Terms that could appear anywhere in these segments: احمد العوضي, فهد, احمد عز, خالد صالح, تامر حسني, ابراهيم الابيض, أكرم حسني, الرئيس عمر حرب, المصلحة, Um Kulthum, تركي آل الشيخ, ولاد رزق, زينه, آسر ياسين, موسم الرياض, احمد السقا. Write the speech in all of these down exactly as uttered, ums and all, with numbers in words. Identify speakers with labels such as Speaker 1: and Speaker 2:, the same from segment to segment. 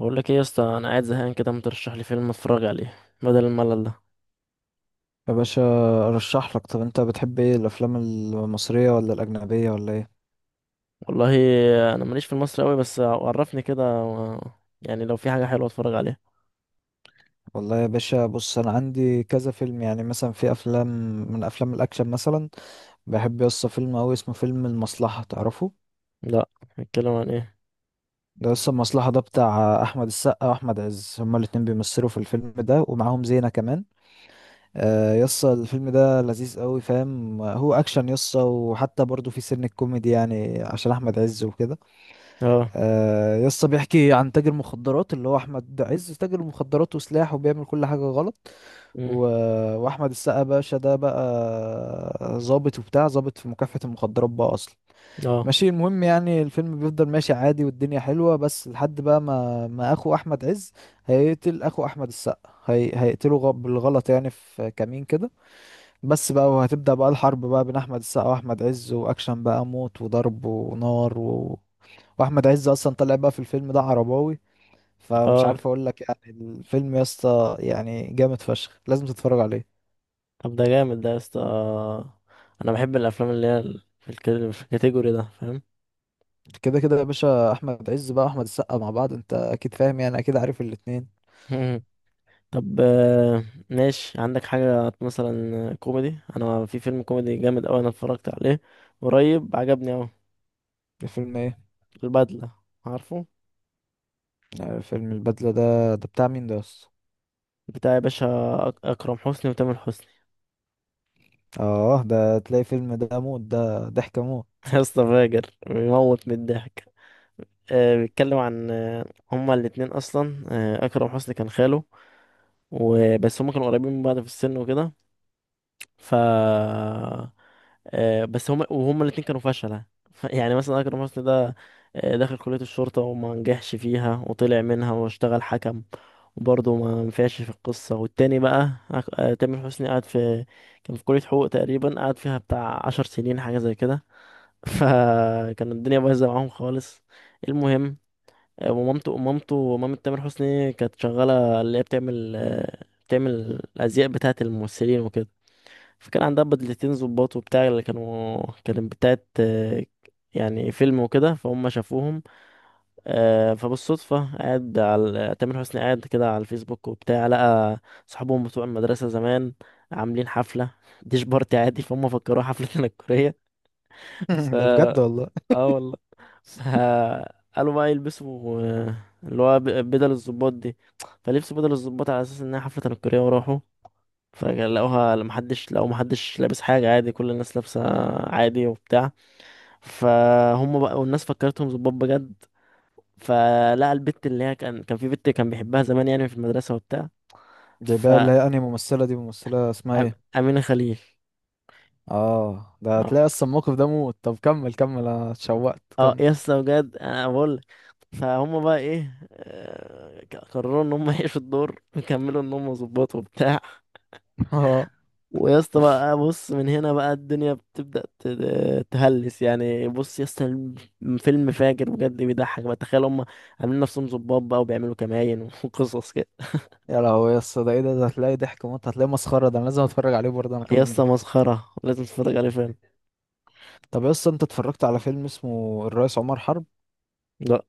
Speaker 1: بقول لك ايه يا اسطى، انا قاعد زهقان كده، ما ترشح لي فيلم اتفرج عليه بدل الملل ده؟
Speaker 2: يا باشا ارشح لك. طب انت بتحب ايه، الافلام المصريه ولا الاجنبيه ولا ايه؟
Speaker 1: والله انا ماليش في المصري قوي، بس عرفني كده و... يعني لو في حاجه حلوه اتفرج عليها.
Speaker 2: والله يا باشا، بص انا عندي كذا فيلم. يعني مثلا في افلام، من افلام الاكشن مثلا بحب يسطا فيلم اوي اسمه فيلم المصلحه، تعرفه؟
Speaker 1: لا، بيتكلم عن ايه؟
Speaker 2: ده يسطا المصلحه ده بتاع احمد السقا واحمد عز، هما الاتنين بيمثلوا في الفيلم ده ومعاهم زينه كمان. آه، يسطا الفيلم ده لذيذ قوي، فاهم؟ هو اكشن يسطا، وحتى برضه في سن الكوميدي يعني عشان احمد عز وكده.
Speaker 1: اه.
Speaker 2: آه يسطا بيحكي عن تاجر مخدرات، اللي هو احمد عز تاجر مخدرات وسلاح وبيعمل كل حاجه غلط. و...
Speaker 1: امم.
Speaker 2: واحمد السقا باشا ده بقى ظابط وبتاع، ظابط في مكافحه المخدرات بقى اصلا.
Speaker 1: اه.
Speaker 2: ماشي، المهم يعني الفيلم بيفضل ماشي عادي والدنيا حلوه، بس لحد بقى ما ما اخو احمد عز هيقتل اخو احمد السقا. هي... هيقتله غ... بالغلط يعني في كمين كده. بس بقى وهتبدا بقى الحرب بقى بين احمد السقا واحمد عز، واكشن بقى موت وضرب ونار و... واحمد عز اصلا طلع بقى في الفيلم ده عرباوي. فمش
Speaker 1: اه.
Speaker 2: عارف اقول لك، يعني الفيلم يا اسطى يعني جامد فشخ، لازم تتفرج عليه.
Speaker 1: طب ده جامد ده يا اسطى. انا بحب الافلام اللي هي ال- في الك- في الكاتيجوري ده، فاهم؟
Speaker 2: كده كده يا باشا، احمد عز بقى واحمد السقا مع بعض، انت اكيد فاهم يعني، اكيد عارف الاتنين.
Speaker 1: مم. طب، آه، ماشي. عندك حاجه مثلا كوميدي؟ انا في فيلم كوميدي جامد قوي انا اتفرجت عليه قريب، عجبني قوي.
Speaker 2: الفيلم ايه؟
Speaker 1: البدله، عارفه؟
Speaker 2: آه، فيلم البدلة ده؟ ده بتاع مين ده يا اسطى؟
Speaker 1: بتاع يا باشا، أك- أكرم حسني وتامر حسني.
Speaker 2: اه ده تلاقي فيلم ده موت، ده ضحك موت.
Speaker 1: يا اسطى فاجر، بيموت من الضحك. آه، بيتكلم عن، آه، هما الاتنين أصلا، آه، أكرم حسني كان خاله، وبس هما كانوا قريبين من بعض في السن وكده. ف آه، بس هما وهما الاتنين كانوا فشلة. ف- يعني مثلا أكرم حسني ده، آه، دخل كلية الشرطة وما نجحش فيها وطلع منها واشتغل حكم، وبرضه ما نفعش في القصة. والتاني بقى أك- آه، تامر حسني قعد في، كان في كلية حقوق تقريبا قعد فيها بتاع عشر سنين، حاجة زي كده. فكان الدنيا بايظة معاهم خالص. المهم، آه، ومامته مامته مامة تامر حسني كانت شغالة، اللي هي بتعمل، آه، بتعمل الأزياء بتاعة الممثلين وكده. فكان عندها بدلتين ظباط وبتاع، اللي كانوا كانت بتاعت آه، يعني فيلم وكده، فهم شافوهم. آه، فبالصدفة قاعد على تامر حسني قاعد كده على الفيسبوك وبتاع، لقى صحابهم بتوع المدرسة زمان عاملين حفلة ديش بارتي عادي، فهم فكروها حفلة تنكرية. ف
Speaker 2: ده بجد والله؟
Speaker 1: اه والله. ف قالوا بقى يلبسوا، آه، اللي هو ب- بدل الظباط دي. فلبسوا بدل الظباط على اساس انها حفلة تنكرية وراحوا، فلقوها محدش لو محدش لابس حاجة، عادي. كل الناس لابسة عادي وبتاع، فهم بقى والناس فكرتهم ظباط بجد. فلقى البت اللي هي، كان كان في بنت كان بيحبها زمان يعني في المدرسة وبتاع،
Speaker 2: جايبها اللي هي انهي ممثلة دي؟ ممثلة اسمها ايه؟
Speaker 1: فأمينة خليل.
Speaker 2: اه ده
Speaker 1: اه.
Speaker 2: هتلاقي اصلا الموقف ده موت. طب كمل كمل، انا اتشوقت،
Speaker 1: اه
Speaker 2: كمل.
Speaker 1: يسطا، بجد انا بقول لك، فهم بقى ايه، آه، ك- قرروا ان هم يعيشوا الدور ويكملوا ان هم ظباط وبتاع.
Speaker 2: اه،
Speaker 1: ويا اسطى بقى بص، من هنا بقى الدنيا بتبدأ ت- تهلس يعني. بص يا اسطى، الم- فيلم فاجر بجد، بيضحك بقى. تخيل هم عاملين نفسهم ظباط بقى وبيعملوا كمائن وقصص كده.
Speaker 2: يا لهوي يا اسطى، ده ايه ده؟ ده هتلاقي ضحك موت، هتلاقي مسخره. ده انا لازم اتفرج عليه برضه انا
Speaker 1: يا
Speaker 2: كمان
Speaker 1: اسطى
Speaker 2: ده.
Speaker 1: مسخرة، لازم تتفرج عليه فيلم.
Speaker 2: طب يا اسطى، انت اتفرجت على فيلم اسمه الرئيس عمر حرب؟
Speaker 1: لا.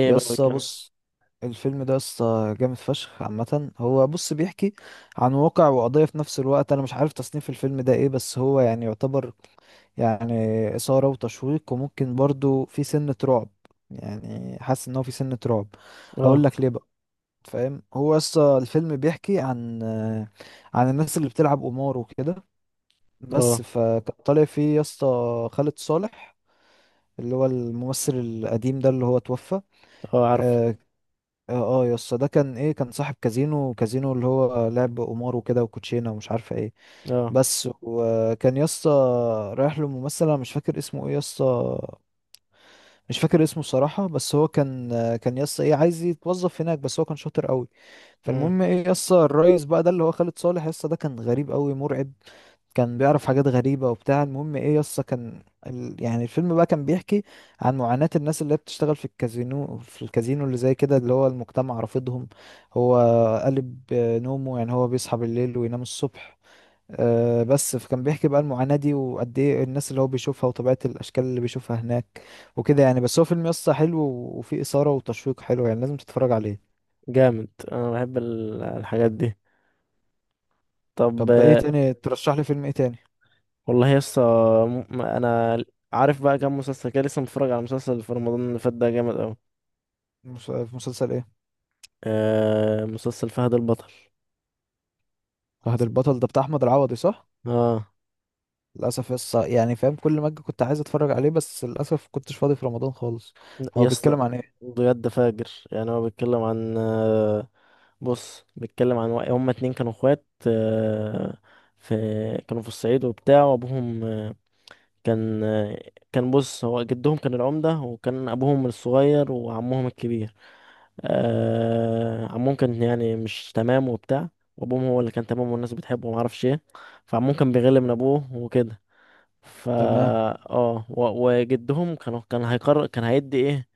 Speaker 1: ايه
Speaker 2: يا
Speaker 1: بقى
Speaker 2: اسطى
Speaker 1: الكلام؟
Speaker 2: بص، الفيلم ده يا اسطى جامد فشخ عامه. هو بص بيحكي عن واقع وقضيه في نفس الوقت. انا مش عارف تصنيف الفيلم ده ايه، بس هو يعني يعتبر يعني اثاره وتشويق، وممكن برضه في سنه رعب، يعني حاسس ان هو في سنه رعب. هقول
Speaker 1: اه.
Speaker 2: لك ليه بقى. فاهم هو يا اسطى الفيلم بيحكي عن عن الناس اللي بتلعب قمار وكده.
Speaker 1: اه.
Speaker 2: بس فكان طالع فيه يا اسطى خالد صالح، اللي هو الممثل القديم ده اللي هو توفى.
Speaker 1: اه، عارفه.
Speaker 2: اه. اه. آه يا اسطى، ده كان ايه، كان صاحب كازينو، كازينو اللي هو لعب قمار وكده وكوتشينه ومش عارفه ايه.
Speaker 1: اه.
Speaker 2: بس، وكان يا اسطى رايح له ممثل، انا مش فاكر اسمه ايه يا اسطى، مش فاكر اسمه صراحة. بس هو كان آه، كان يا اسطى ايه عايز يتوظف هناك، بس هو كان شاطر قوي.
Speaker 1: مم.
Speaker 2: فالمهم ايه يا اسطى، الريس بقى ده اللي هو خالد صالح يا اسطى ده كان غريب قوي، مرعب، كان بيعرف حاجات غريبة وبتاع. المهم ايه يسطا، كان ال... يعني الفيلم بقى كان بيحكي عن معاناة الناس اللي هي بتشتغل في الكازينو، في الكازينو اللي زي كده اللي هو المجتمع رافضهم. هو قلب آه، نومه يعني، هو بيصحى بالليل وينام الصبح. آه بس فكان بيحكي بقى المعاناة دي، وقد ايه الناس اللي هو بيشوفها وطبيعة الأشكال اللي بيشوفها هناك وكده يعني. بس هو فيلم يسطا حلو وفيه إثارة وتشويق حلو، يعني لازم تتفرج عليه.
Speaker 1: جامد. انا بحب ال- الحاجات دي. طب،
Speaker 2: طب ايه
Speaker 1: آه،
Speaker 2: تاني ترشح لي، فيلم ايه تاني؟
Speaker 1: والله يا اسطى، م- انا عارف بقى كام مسلسل كده، لسه متفرج على مسلسل في رمضان اللي فات ده، جامد قوي.
Speaker 2: مس- مسلسل ايه؟
Speaker 1: آه مسلسل فهد البطل.
Speaker 2: فهد البطل ده بتاع أحمد العوضي صح؟
Speaker 1: اه.
Speaker 2: للاسف يس يعني، فاهم كل ما أجي كنت عايز اتفرج عليه، بس للاسف كنتش فاضي في رمضان خالص.
Speaker 1: يا
Speaker 2: هو
Speaker 1: اسطى
Speaker 2: بيتكلم عن ايه؟
Speaker 1: بجد فاجر يعني. هو بيتكلم عن، آه، بص بيتكلم عن وا- هما اتنين كانوا اخوات، آه، في كانوا في الصعيد وبتاع، وابوهم، آه، كان آه، كان بص هو جدهم كان العمدة، وكان ابوهم الصغير وعمهم الكبير. آه، عمهم كان يعني مش تمام وبتاع، وابوهم هو اللي كان تمام والناس بتحبه ومعرفش ايه، فعمهم كان بيغل من ابوه وكده. فا
Speaker 2: تمام.
Speaker 1: اه، و- وجدهم، كانوا كان هيقرر، كان هيدي ايه،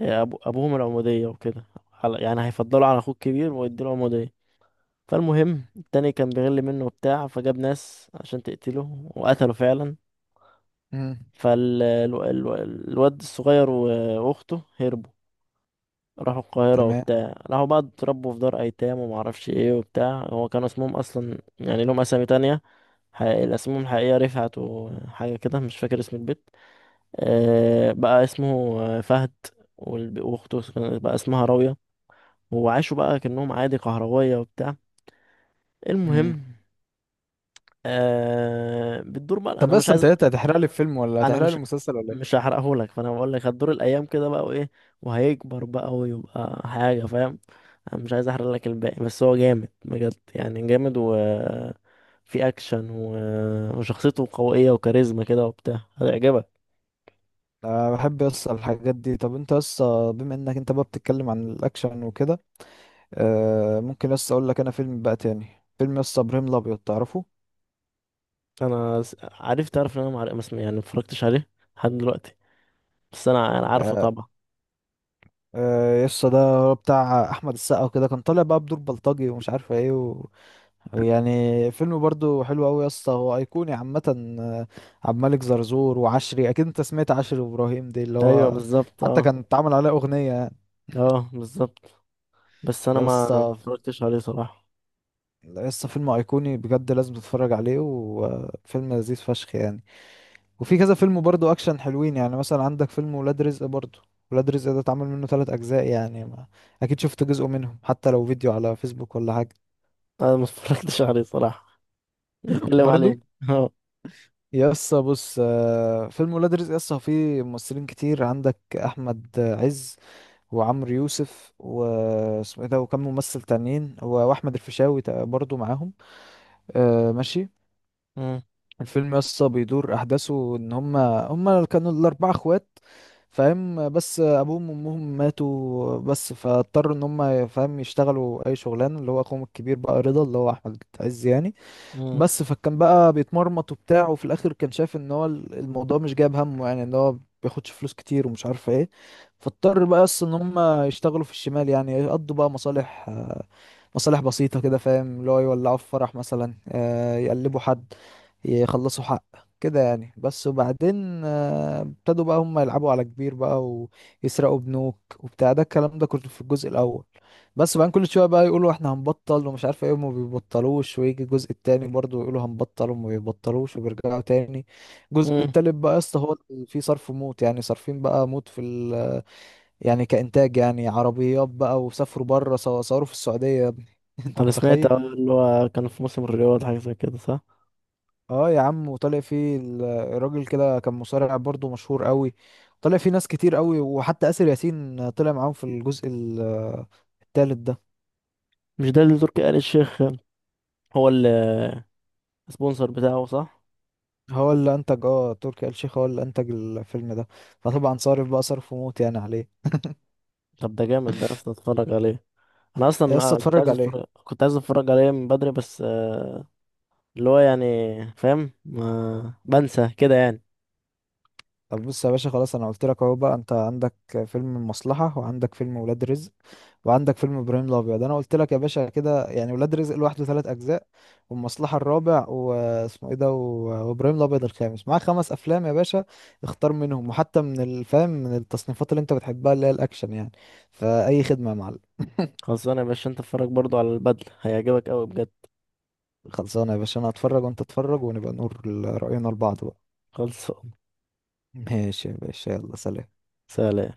Speaker 1: أبو أبوهم العمودية وكده، على- يعني هيفضلوا على أخوه الكبير ويديله عمودية. فالمهم التاني كان بيغل منه وبتاع، فجاب ناس عشان تقتله وقتله فعلا.
Speaker 2: امم.
Speaker 1: فالواد الصغير وأخته هربوا، راحوا القاهرة
Speaker 2: تمام.
Speaker 1: وبتاع، راحوا بقى اتربوا في دار أيتام ومعرفش ايه وبتاع، هو كان اسمهم أصلا يعني لهم أسامي تانية. حقيقي، اسمهم الحقيقية رفعت وحاجة كده، مش فاكر اسم البيت، آه، بقى اسمه آه، فهد، والب- وأخته بقى اسمها راوية. وعاشوا بقى كأنهم عادي كهروية وبتاع.
Speaker 2: امم.
Speaker 1: المهم، آه بتدور بقى.
Speaker 2: طب
Speaker 1: انا مش
Speaker 2: بس انت
Speaker 1: عايز،
Speaker 2: ايه، هتحرق لي الفيلم ولا
Speaker 1: انا
Speaker 2: هتحرق لي
Speaker 1: مش
Speaker 2: المسلسل ولا
Speaker 1: مش
Speaker 2: ايه؟
Speaker 1: هحرقهولك، فانا بقول لك هتدور الايام كده بقى، وايه، وهيكبر بقى ويبقى حاجة، فاهم؟ انا مش عايز احرق لك الباقي، بس هو جامد بجد يعني، جامد، و في اكشن و... وشخصيته قوية وكاريزما كده وبتاع، هتعجبك.
Speaker 2: انا بحب يس الحاجات دي. طب انت يس، بما انك انت بقى بتتكلم عن الاكشن وكده، آه ممكن يس اقول لك انا فيلم بقى تاني، فيلم يس ابراهيم الابيض، تعرفه؟
Speaker 1: انا س- عارف، تعرف ان انا معرق اسمي، يعني متفرجتش عليه لحد دلوقتي، بس انا انا عارفه
Speaker 2: آه.
Speaker 1: طبعا.
Speaker 2: آه، يس ده بتاع احمد السقا وكده، كان طالع بقى بدور بلطجي ومش عارف ايه. يعني فيلم برضو حلو قوي يا اسطى، هو ايقوني عامه. آه، عبد الملك زرزور وعشري، اكيد انت سمعت عشري وابراهيم دي اللي
Speaker 1: ايوه
Speaker 2: هو
Speaker 1: بالظبط.
Speaker 2: حتى
Speaker 1: اه.
Speaker 2: كان اتعمل عليه اغنيه يعني.
Speaker 1: اه بالظبط. بس انا
Speaker 2: يا
Speaker 1: ما ما
Speaker 2: اسطى،
Speaker 1: اتفرجتش عليه صراحه.
Speaker 2: يا اسطى فيلم ايقوني بجد، لازم تتفرج عليه، وفيلم لذيذ فشخ يعني. وفي كذا فيلم برضو اكشن حلوين، يعني مثلا عندك فيلم ولاد رزق برضو. ولاد رزق ده اتعمل منه ثلاث اجزاء يعني، ما اكيد شفت جزء منهم حتى لو فيديو على فيسبوك ولا حاجه.
Speaker 1: انا ما اتفرجتش عليه صراحه، نتكلم
Speaker 2: برضو.
Speaker 1: عليه. اه.
Speaker 2: يسا بص آه، فيلم ولاد رزق يسا فيه ممثلين كتير، عندك احمد عز وعمرو يوسف واسمه ايه ده، وكم ممثل تانيين و- واحمد الفيشاوي تق- برضو معاهم. آه، ماشي.
Speaker 1: مم.
Speaker 2: الفيلم يسا بيدور احداثه ان هما هما كانوا الاربعه اخوات، فاهم؟ بس ابوهم وامهم ماتوا، بس فاضطروا ان هما فاهم يشتغلوا اي شغلانه، اللي هو اخوهم الكبير بقى رضا اللي هو احمد عز يعني.
Speaker 1: مم.
Speaker 2: بس فكان بقى بيتمرمط وبتاع، وفي الاخر كان شايف ان هو ال- الموضوع مش جايب همه يعني، ان هو بياخدش فلوس كتير ومش عارف ايه. فاضطر بقى اصلا ان هم يشتغلوا في الشمال يعني، يقضوا بقى مصالح، آه، مصالح بسيطة كده فاهم، اللي هو يولعوا في فرح مثلا، آه، يقلبوا حد، يخلصوا حق، كده يعني. بس وبعدين آه، ابتدوا بقى هم يلعبوا على كبير بقى، ويسرقوا بنوك وبتاع، ده الكلام ده كنت في الجزء الأول. بس بقى كل شويه بقى يقولوا احنا هنبطل ومش عارف ايه وما بيبطلوش، ويجي الجزء التاني برضه يقولوا هنبطل وما بيبطلوش وبيرجعوا تاني. الجزء
Speaker 1: مم.
Speaker 2: التالت بقى يا اسطى هو اللي فيه صرف موت يعني، صارفين بقى موت في ال... يعني كإنتاج يعني، عربيات بقى، وسافروا بره صوروا في السعودية يا ابني. انت
Speaker 1: انا سمعت،
Speaker 2: متخيل؟
Speaker 1: اه، اللي هو كان في موسم الرياض حاجه زي كده، صح؟
Speaker 2: اه يا عم، وطالع فيه ال- الراجل كده كان مصارع برضه مشهور قوي. طالع فيه ناس كتير قوي، وحتى آسر ياسين طلع معاهم في الجزء ال- التالت ده.
Speaker 1: مش ده اللي تركي آل الشيخ هو السبونسر بتاعه، صح؟
Speaker 2: هو اللي انتج، اه تركي آل الشيخ هو اللي انتج الفيلم ده. فطبعا صارف بقى صرف وموت يعني، عليه إيه.
Speaker 1: طب ده جامد ده، اصلا اتفرج عليه. انا
Speaker 2: يا اسطى
Speaker 1: اصلا كنت
Speaker 2: اتفرج
Speaker 1: عايز
Speaker 2: عليه.
Speaker 1: اتفرج كنت عايز اتفرج عليه من بدري، بس آه، اللي هو يعني، فاهم، ما بنسى كده يعني.
Speaker 2: طب بص يا باشا، خلاص انا قلت لك اهو بقى، انت عندك فيلم المصلحة وعندك فيلم ولاد رزق وعندك فيلم ابراهيم الابيض. انا قلت لك يا باشا كده يعني، ولاد رزق لوحده ثلاث اجزاء، والمصلحة الرابع واسمه ايه ده، و- وابراهيم الابيض الخامس، معاك خمس افلام يا باشا. اختار منهم، وحتى من الفهم من التصنيفات اللي انت بتحبها اللي هي الاكشن يعني. فاي خدمة يا معلم.
Speaker 1: خلصانه يا باشا، انت اتفرج برضو على البدله، هيعجبك قوي بجد.
Speaker 2: خلصانة يا باشا، أنا هتفرج وأنت اتفرج ونبقى نقول رأينا لبعض بقى.
Speaker 1: خلصان.
Speaker 2: ماشي يا باشا، يلا سلام.
Speaker 1: سلام.